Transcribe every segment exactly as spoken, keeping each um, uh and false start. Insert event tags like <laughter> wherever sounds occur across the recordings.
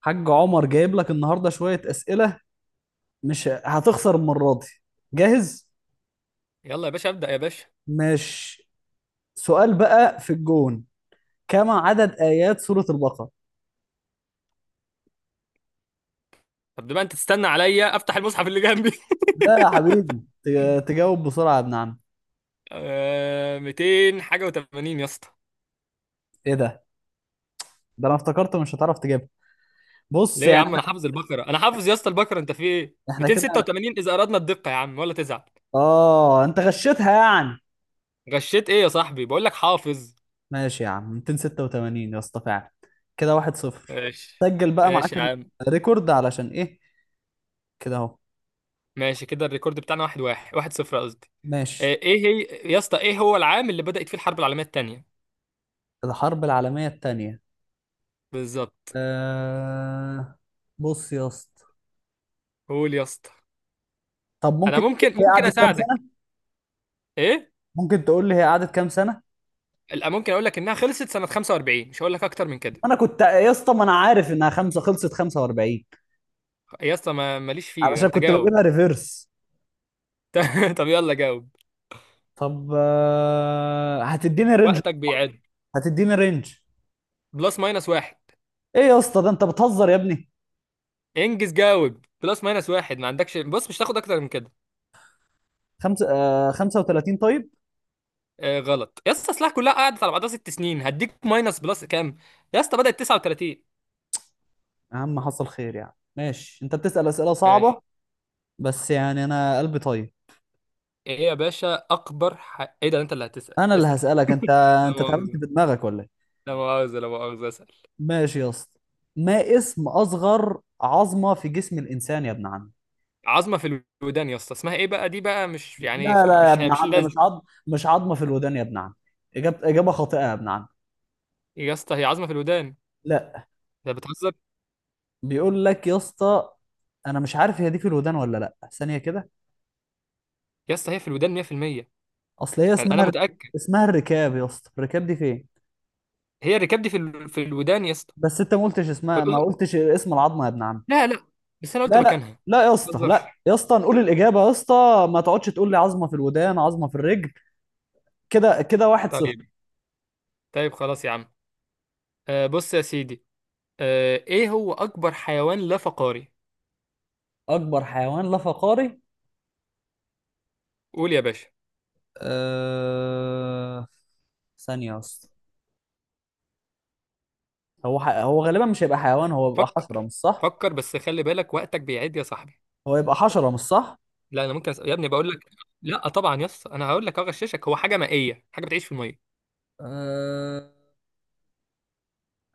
حاج عمر جايب لك النهارده شوية أسئلة. مش هتخسر المرة دي. جاهز؟ يلا يا باشا، ابدأ يا باشا. مش سؤال بقى في الجون. كم عدد آيات سورة البقرة؟ طب بما انت تستنى عليا، افتح المصحف اللي جنبي. <laughs> لا يا حبيبي، ت- تجاوب بسرعة يا ابن عم. آه، مئتين حاجه و80 يا اسطى. ايه ده؟ ده انا افتكرت مش هتعرف تجيبها. بص ليه يا يعني عم، انا إحنا- حافظ البقره، انا حافظ يا اسطى البقره. انت في ايه؟ احنا كده. مئتين وستة وثمانين اذا اردنا الدقه يا عم، ولا تزعل. اه انت غشيتها يعني. غشيت ايه يا صاحبي؟ بقول لك حافظ. ماشي يا عم، مئتين وستة وثمانين يا اسطى فعلا. كده واحد صفر. ماشي. سجل بقى معاك ماشي يا عم. الريكورد علشان ايه، كده اهو. ماشي كده الريكورد بتاعنا واحد واحد، واحد صفر قصدي. آه، ماشي. ايه هي؟ يا اسطى ايه هو العام اللي بدأت فيه الحرب العالميه الثانيه؟ الحرب العالمية التانية. بالظبط. آه، بص يا اسطى. قول يا اسطى. طب انا ممكن تقول ممكن لي هي ممكن قعدت كام اساعدك. سنة؟ ايه؟ ممكن تقول لي هي قعدت كام سنة؟ لا، ممكن اقول لك انها خلصت سنه خمسة وأربعين، مش هقول لك اكتر من كده. انا كنت يا اسطى، ما انا عارف انها خمسة، خلصت خمسة وأربعين، يا اسطى ما ماليش فيه، علشان انت كنت جاوب. بجيبها ريفيرس. <laughs> طب يلا جاوب. طب آه، هتديني رينج؟ وقتك بيعد. هتديني رينج؟ بلس ماينس واحد. ايه يا اسطى، ده انت بتهزر يا ابني. انجز جاوب، بلس ماينس واحد ما عندكش. بص مش هتاخد اكتر من كده. خمسة، آه خمسة وثلاثين طيب. آه غلط يا اسطى، اصلها كلها قعدت على بعضها ست سنين، هديك ماينس بلس كام. يا اسطى بدأت تسعه وتلاتين. يا عم حصل خير يعني، ماشي. انت بتسأل أسئلة صعبة، ماشي. بس يعني انا قلبي طيب. ايه يا باشا اكبر ح... ايه ده؟ انت اللي هتسأل، انا اللي اسأل. هسألك انت. <laughs> لا انت اتهبلت مؤاخذة، في دماغك ولا إيه؟ لا مؤاخذة، لا مؤاخذة، اسأل. ماشي يا اسطى. ما اسم اصغر عظمه في جسم الانسان يا ابن عم؟ عظمة في الودان يا اسطى، اسمها ايه بقى؟ دي بقى مش يعني لا لا يا مش ابن مش عم، مش لازم. عظم. مش عظمه في الودان يا ابن عم. اجابه اجابه خاطئه يا ابن عم. يا اسطى هي عظمة في الودان. لا. انت بتهزر. بيقول لك يا اسطى، انا مش عارف هي دي في الودان ولا لا، ثانيه كده. يا اسطى هي في الودان مية في المية. اصل هي انا أنا اسمها، متأكد. اسمها الركاب يا اسطى. الركاب دي فين؟ هي الركاب دي في ال... في الودان يا اسطى. بس انت ما قلتش اسمها، فالأذن. ما قلتش اسم العظمه يا ابن عم. لا لا، بس انا قلت لا لا مكانها. لا يا ما اسطى، تهزرش. لا يا اسطى، نقول الاجابه يا اسطى، ما تقعدش تقول لي عظمه في الودان، عظمه في الرجل. كده كده واحد صفر. طيب. طيب خلاص يا عم. آه بص يا سيدي. آه، ايه هو اكبر حيوان لا فقاري؟ اكبر حيوان لا فقاري. قول يا باشا. أه... ثانية أصلا. هو ح... هو غالبا مش هيبقى حيوان، هو يبقى حشرة فكر. مش صح؟ فكر بس خلي بالك وقتك بيعد يا صاحبي. هو يبقى حشرة مش صح؟ لا انا ممكن أسأل. يا ابني بقول لك. لا طبعا يا اسطى، انا هقول لك اغششك. هو حاجه مائيه، حاجه بتعيش في الميه. أه...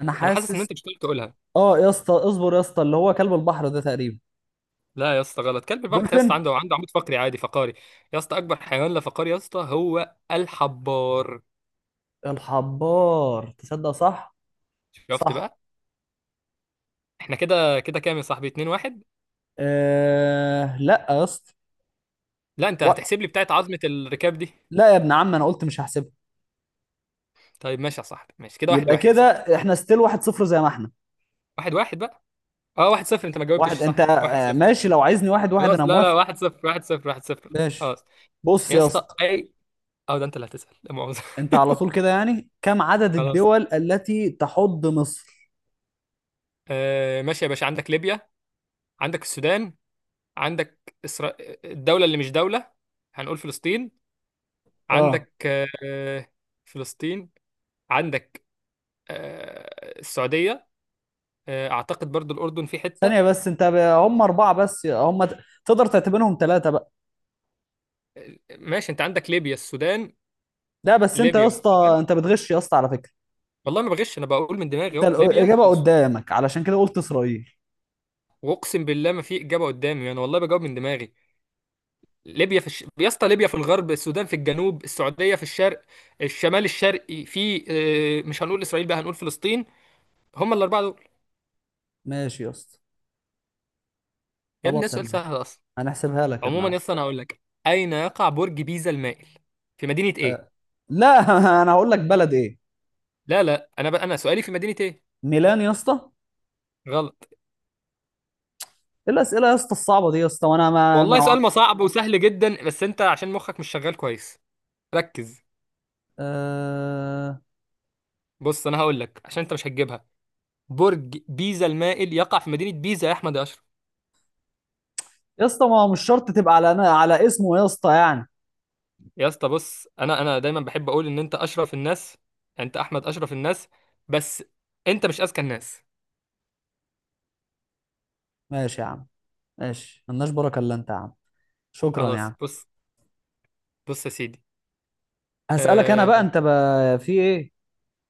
انا انا حاسس ان حاسس. انت مش هتقدر تقولها. اه يا اسطى اصبر يا اسطى، اللي هو كلب البحر ده تقريبا. لا يا اسطى غلط. كلب البحر يا اسطى دولفين. عنده عنده عمود فقري عادي فقاري. يا اسطى اكبر حيوان لا فقاري يا اسطى هو الحبار. الحبار، تصدق صح؟ شفت صح. بقى. احنا كده كده كام يا صاحبي؟ اتنين واحد. آه... لا يا اسطى. لا انت و... هتحسب لي بتاعت عظمة الركاب دي. لا يا ابن عم، انا قلت مش هحسبها. طيب ماشي يا صاحبي. ماشي كده، واحد يبقى واحد يا كده صاحبي. احنا ستيل واحد صفر، زي ما احنا. واحد واحد بقى. اه واحد صفر. انت ما جاوبتش واحد انت، صح، واحد آه صفر. ماشي، لو عايزني واحد واحد انا خلاص. لا لا، موافق. واحد صفر، واحد صفر، واحد صفر، ماشي. خلاص. بص يا يا اسطى اسطى، اي. اه ده انت اللي هتسأل، لا مؤاخذة. انت على طول <laughs> كده يعني. كم عدد خلاص. الدول التي تحض مصر؟ آه ماشي يا باشا، عندك ليبيا، عندك السودان، عندك إسرا... الدولة اللي مش دولة، هنقول فلسطين. اه، عندك آه فلسطين. عندك آه السعودية. آه اعتقد برضو الأردن في ثانية حتة. بس، انت ب... هم أربعة بس، هم ت- تقدر تعتبرهم ثلاثة بقى. ماشي انت عندك ليبيا السودان، لا بس انت يا ليبيا اسطى، والسودان. انت بتغش يا اسطى على فكرة. والله ما بغش، انا بقول من دماغي انت اهو، ليبيا الإجابة والس- قدامك، علشان كده قلت إسرائيل. واقسم بالله ما في اجابه قدامي، انا والله بجاوب من دماغي. ليبيا في الش... يا اسطى ليبيا في الغرب، السودان في الجنوب، السعوديه في الشرق. الشمال الشرقي في اه، مش هنقول اسرائيل بقى، هنقول فلسطين. هم الاربعه دول. ماشي يا اسطى. يا ابني ده خلاص يا سؤال ابن عم، سهل اصلا. هنحسبها لك يا ابن عموما عم. يا اسطى انا هقول لك. اين يقع برج بيزا المائل، في مدينه ايه؟ آه. لا <laughs> انا هقول لك بلد ايه. لا لا، انا بقى انا سؤالي في مدينه ايه. ميلان يا اسطى. غلط. ايه الأسئلة يا اسطى الصعبة دي يا اسطى، وانا ما, والله ما... سؤال ما صعب وسهل جدا، بس انت عشان مخك مش شغال كويس. ركز. آه... بص انا هقول لك عشان انت مش هتجيبها. برج بيزا المائل يقع في مدينه بيزا يا احمد يا اشرف. يا اسطى، ما هو مش شرط تبقى على على اسمه يا اسطى يعني. يا اسطى بص، انا انا دايما بحب اقول ان انت اشرف الناس. انت احمد اشرف الناس، بس انت مش اذكى الناس. ماشي يا عم. ماشي، ملناش بركه الا انت يا عم. شكرا يا خلاص عم. بص. بص يا سيدي. هسألك انا بقى، آه انت بقى في ايه.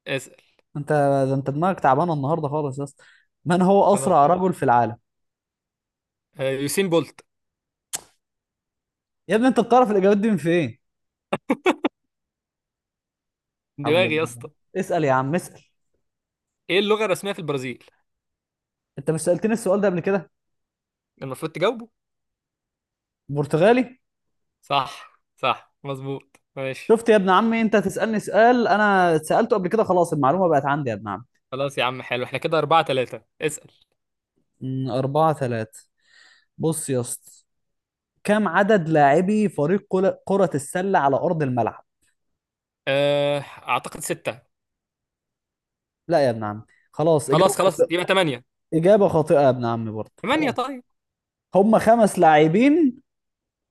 اسال. انت ده انت دماغك تعبانه النهارده خالص يا اسطى. من هو خلاص. اسرع رجل في العالم؟ آه يوسين بولت. يا ابني انت بتعرف الاجابات دي من فين؟ حول دماغي يا الله. اسطى. اسأل يا عم، اسأل. ايه اللغه الرسميه في البرازيل؟ انت مش سألتني السؤال ده قبل كده؟ المفروض تجاوبه. برتغالي. صح صح مظبوط ماشي. شفت يا ابن عمي، انت تسألني سؤال انا سألته قبل كده، خلاص المعلومه بقت عندي يا ابن عم. خلاص يا عم، حلو. احنا كده أربعة ثلاثة. اسأل. أمم، أربعة ثلاثة. بص يا اسطى، كم عدد لاعبي فريق كل- كرة السلة على أرض الملعب؟ آه أعتقد ستة. لا يا ابن عم، خلاص خلاص إجابة. خلاص يبقى ثمانية. إجابة خاطئة يا ابن عمي برضه، ثمانية خلاص. طيب. هم خمس لاعبين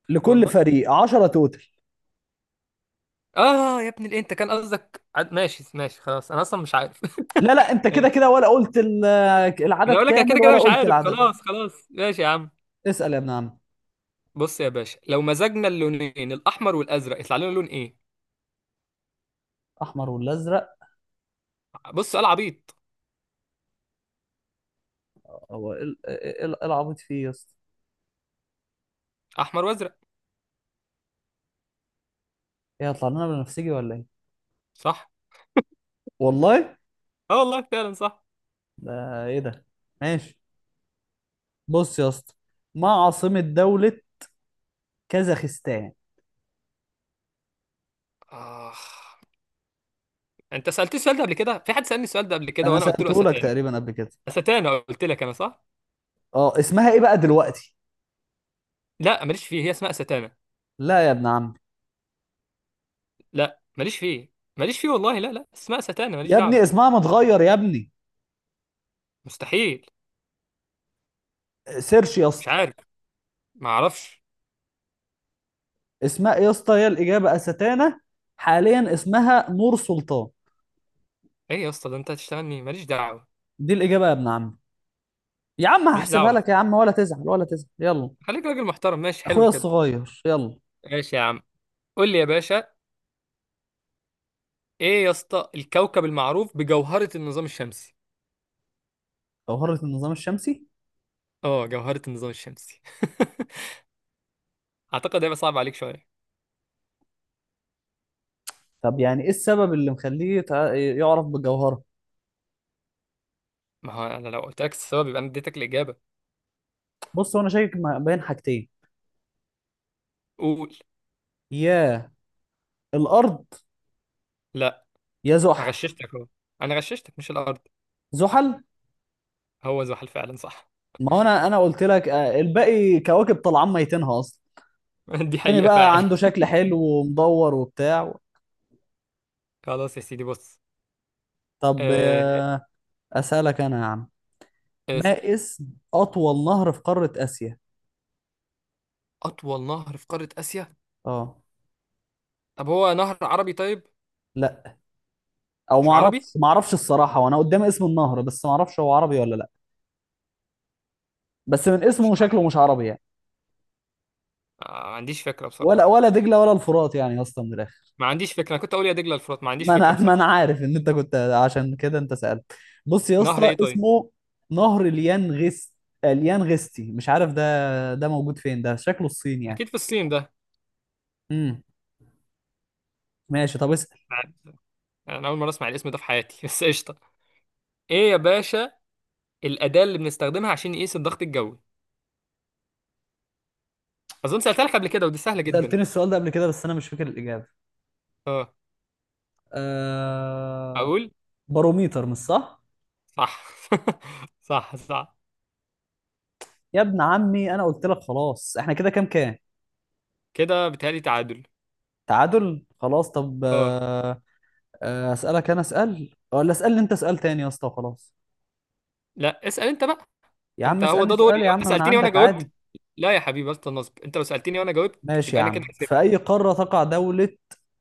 لكل والله. فريق، عشرة توتل. اه يا ابني ليه؟ انت كان قصدك عد... ماشي ماشي خلاص، انا اصلا مش عارف. <laughs> لا لا، انت كده ماشي. كده ولا قلت ال- انا العدد اقول لك أنا كده كامل، كده ولا مش قلت عارف. العدد. خلاص خلاص ماشي يا عم. اسأل يا ابن عم. بص يا باشا، لو مزجنا اللونين الاحمر والازرق، يطلع لنا لون ايه؟ احمر ولا ازرق؟ بص سؤال عبيط. هو ايه ال- ايه ال- إيه العبيط فيه يا اسطى؟ احمر وازرق. ايه، هيطلع لنا بنفسجي ولا ايه؟ صح. والله. اه والله فعلا صح. ده ايه ده. ماشي. بص يا اسطى، ما عاصمة دولة كازاخستان؟ آه. انت سألت السؤال ده قبل كده. في حد سألني السؤال ده قبل كده انا وانا قلت له سألته لك استانه. تقريبا قبل كده. استانه، قلت لك انا صح. اه، اسمها ايه بقى دلوقتي؟ لا ماليش فيه، هي اسمها استانه. لا يا ابن عم. لا ماليش فيه، ماليش فيه والله. لا لا، اسمها استانه، ماليش يا ابني دعوه. اسمها متغير يا ابني. مستحيل. سيرش يا مش اسطى. عارف. ما اعرفش. اسمها ايه يا اسطى، هي الاجابه استانه، حاليا اسمها نور سلطان. ايه يا اسطى ده انت هتشتغل مين؟ ماليش دعوه، دي الاجابه يا ابن عم. يا عم ماليش هحسبها دعوه. لك يا عم، ولا تزعل، ولا تزعل، يلا. خليك راجل محترم، ماشي اخويا حلو كده. الصغير، يلا. ماشي يا عم. قول لي يا باشا. ايه يا اسطى الكوكب المعروف بجوهره النظام الشمسي؟ جوهره النظام الشمسي. اه جوهره النظام الشمسي. <laughs> اعتقد هيبقى صعب عليك شويه. طب يعني ايه السبب اللي مخليه يتع- يعرف بالجوهره؟ ما هو انا لو قلت لك السبب، يبقى انا اديتك الاجابه. بص، هو انا شاكك ما- بين حاجتين. قول. يا الارض، لا. يا زحل. غششتك اهو. انا غششتك مش الارض. زحل. هو زحل فعلا صح. ما هو انا انا قلت لك، آه، الباقي كواكب طالعان ميتينها اصلا. <laughs> دي التاني حقيقه بقى فعلا. عنده شكل حلو ومدور وبتاع. خلاص يا سيدي بص. طب آه، آه، اسالك انا يا عم. اسال. ما اسم اطول نهر في قارة اسيا؟ اطول نهر في قاره اسيا؟ اه. طب هو نهر عربي طيب؟ لا. او ما مش عربي. اعرفش، ما اعرفش الصراحة، وانا قدامي اسم النهر بس ما اعرفش هو عربي ولا لا. بس من مش اسمه شكله مش عربي يعني. آه، ما عنديش فكرة ولا بصراحة. ولا دجلة ولا الفرات يعني يا اسطى من الاخر. ما عنديش فكرة، أنا كنت أقول يا دجلة الفرات. ما عنديش ما فكرة انا ما انا بصراحة. عارف ان انت كنت، عشان كده انت سألت. بص يا نهر اسطى، إيه طيب؟ اسمه نهر اليانغست. اليانغستي، مش عارف ده، ده موجود فين ده، شكله الصين يعني. أكيد في الصين ده. امم. ماشي، طب اسأل. أنا أول مرة أسمع الاسم ده في حياتي. <laughs> بس قشطة. إيه يا باشا؟ الأداة اللي بنستخدمها عشان نقيس الضغط الجوي. أظن سألتها لك قبل كده، ودي سهلة جدا. سألتني السؤال ده قبل كده، بس انا مش فاكر الإجابة. أه. آه... أقول. باروميتر، مش صح؟ صح. <laughs> صح صح. يا ابن عمي انا قلت لك، خلاص احنا كده كام كام. كده بيتهيألي تعادل. تعادل خلاص. طب أه آه، آه، اسالك انا، اسال ولا اسالني انت؟ اسال تاني يا اسطى وخلاص. لا، اسأل أنت بقى. يا عم أنت هو اسالني، ده اسال دوري، يا لو عم أنت من سألتني وأنا عندك جاوبت. عادي. لا يا حبيبي بس النصب، أنت لو سألتني وأنا جاوبت ماشي يا يبقى أنا كده عم. في كسبت. اي قاره تقع دوله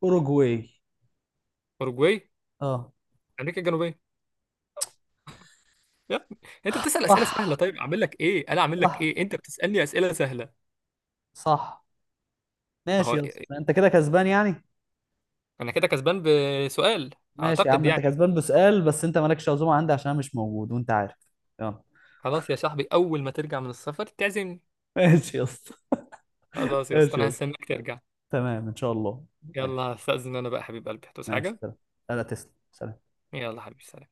اوروجواي؟ أوروجواي. اه. أمريكا الجنوبية. يا ابني انت بتسأل اسئله سهله، صح طيب اعمل لك ايه؟ انا اعمل لك صح ايه، انت بتسألني اسئله سهله. صح. ما ماشي هو يا اسطى، انت كده كسبان يعني. انا كده كسبان بسؤال. ماشي يا اعتقد عم، انت يعني. كسبان بسؤال، بس انت مالكش عزومه عندي عشان انا مش موجود وانت عارف. يلا. خلاص يا صاحبي، اول ما ترجع من السفر تعزمني. <laughs> ماشي يا اسطى. خلاص يا اسطى ماشي يا انا اسطى، هستناك ترجع. تمام ان شاء الله. يلا ماشي. هستأذن انا بقى حبيب قلبي، هتوس ماشي حاجه. سلام. لا لا تسلم، سلام. يلا حبيبي سلام.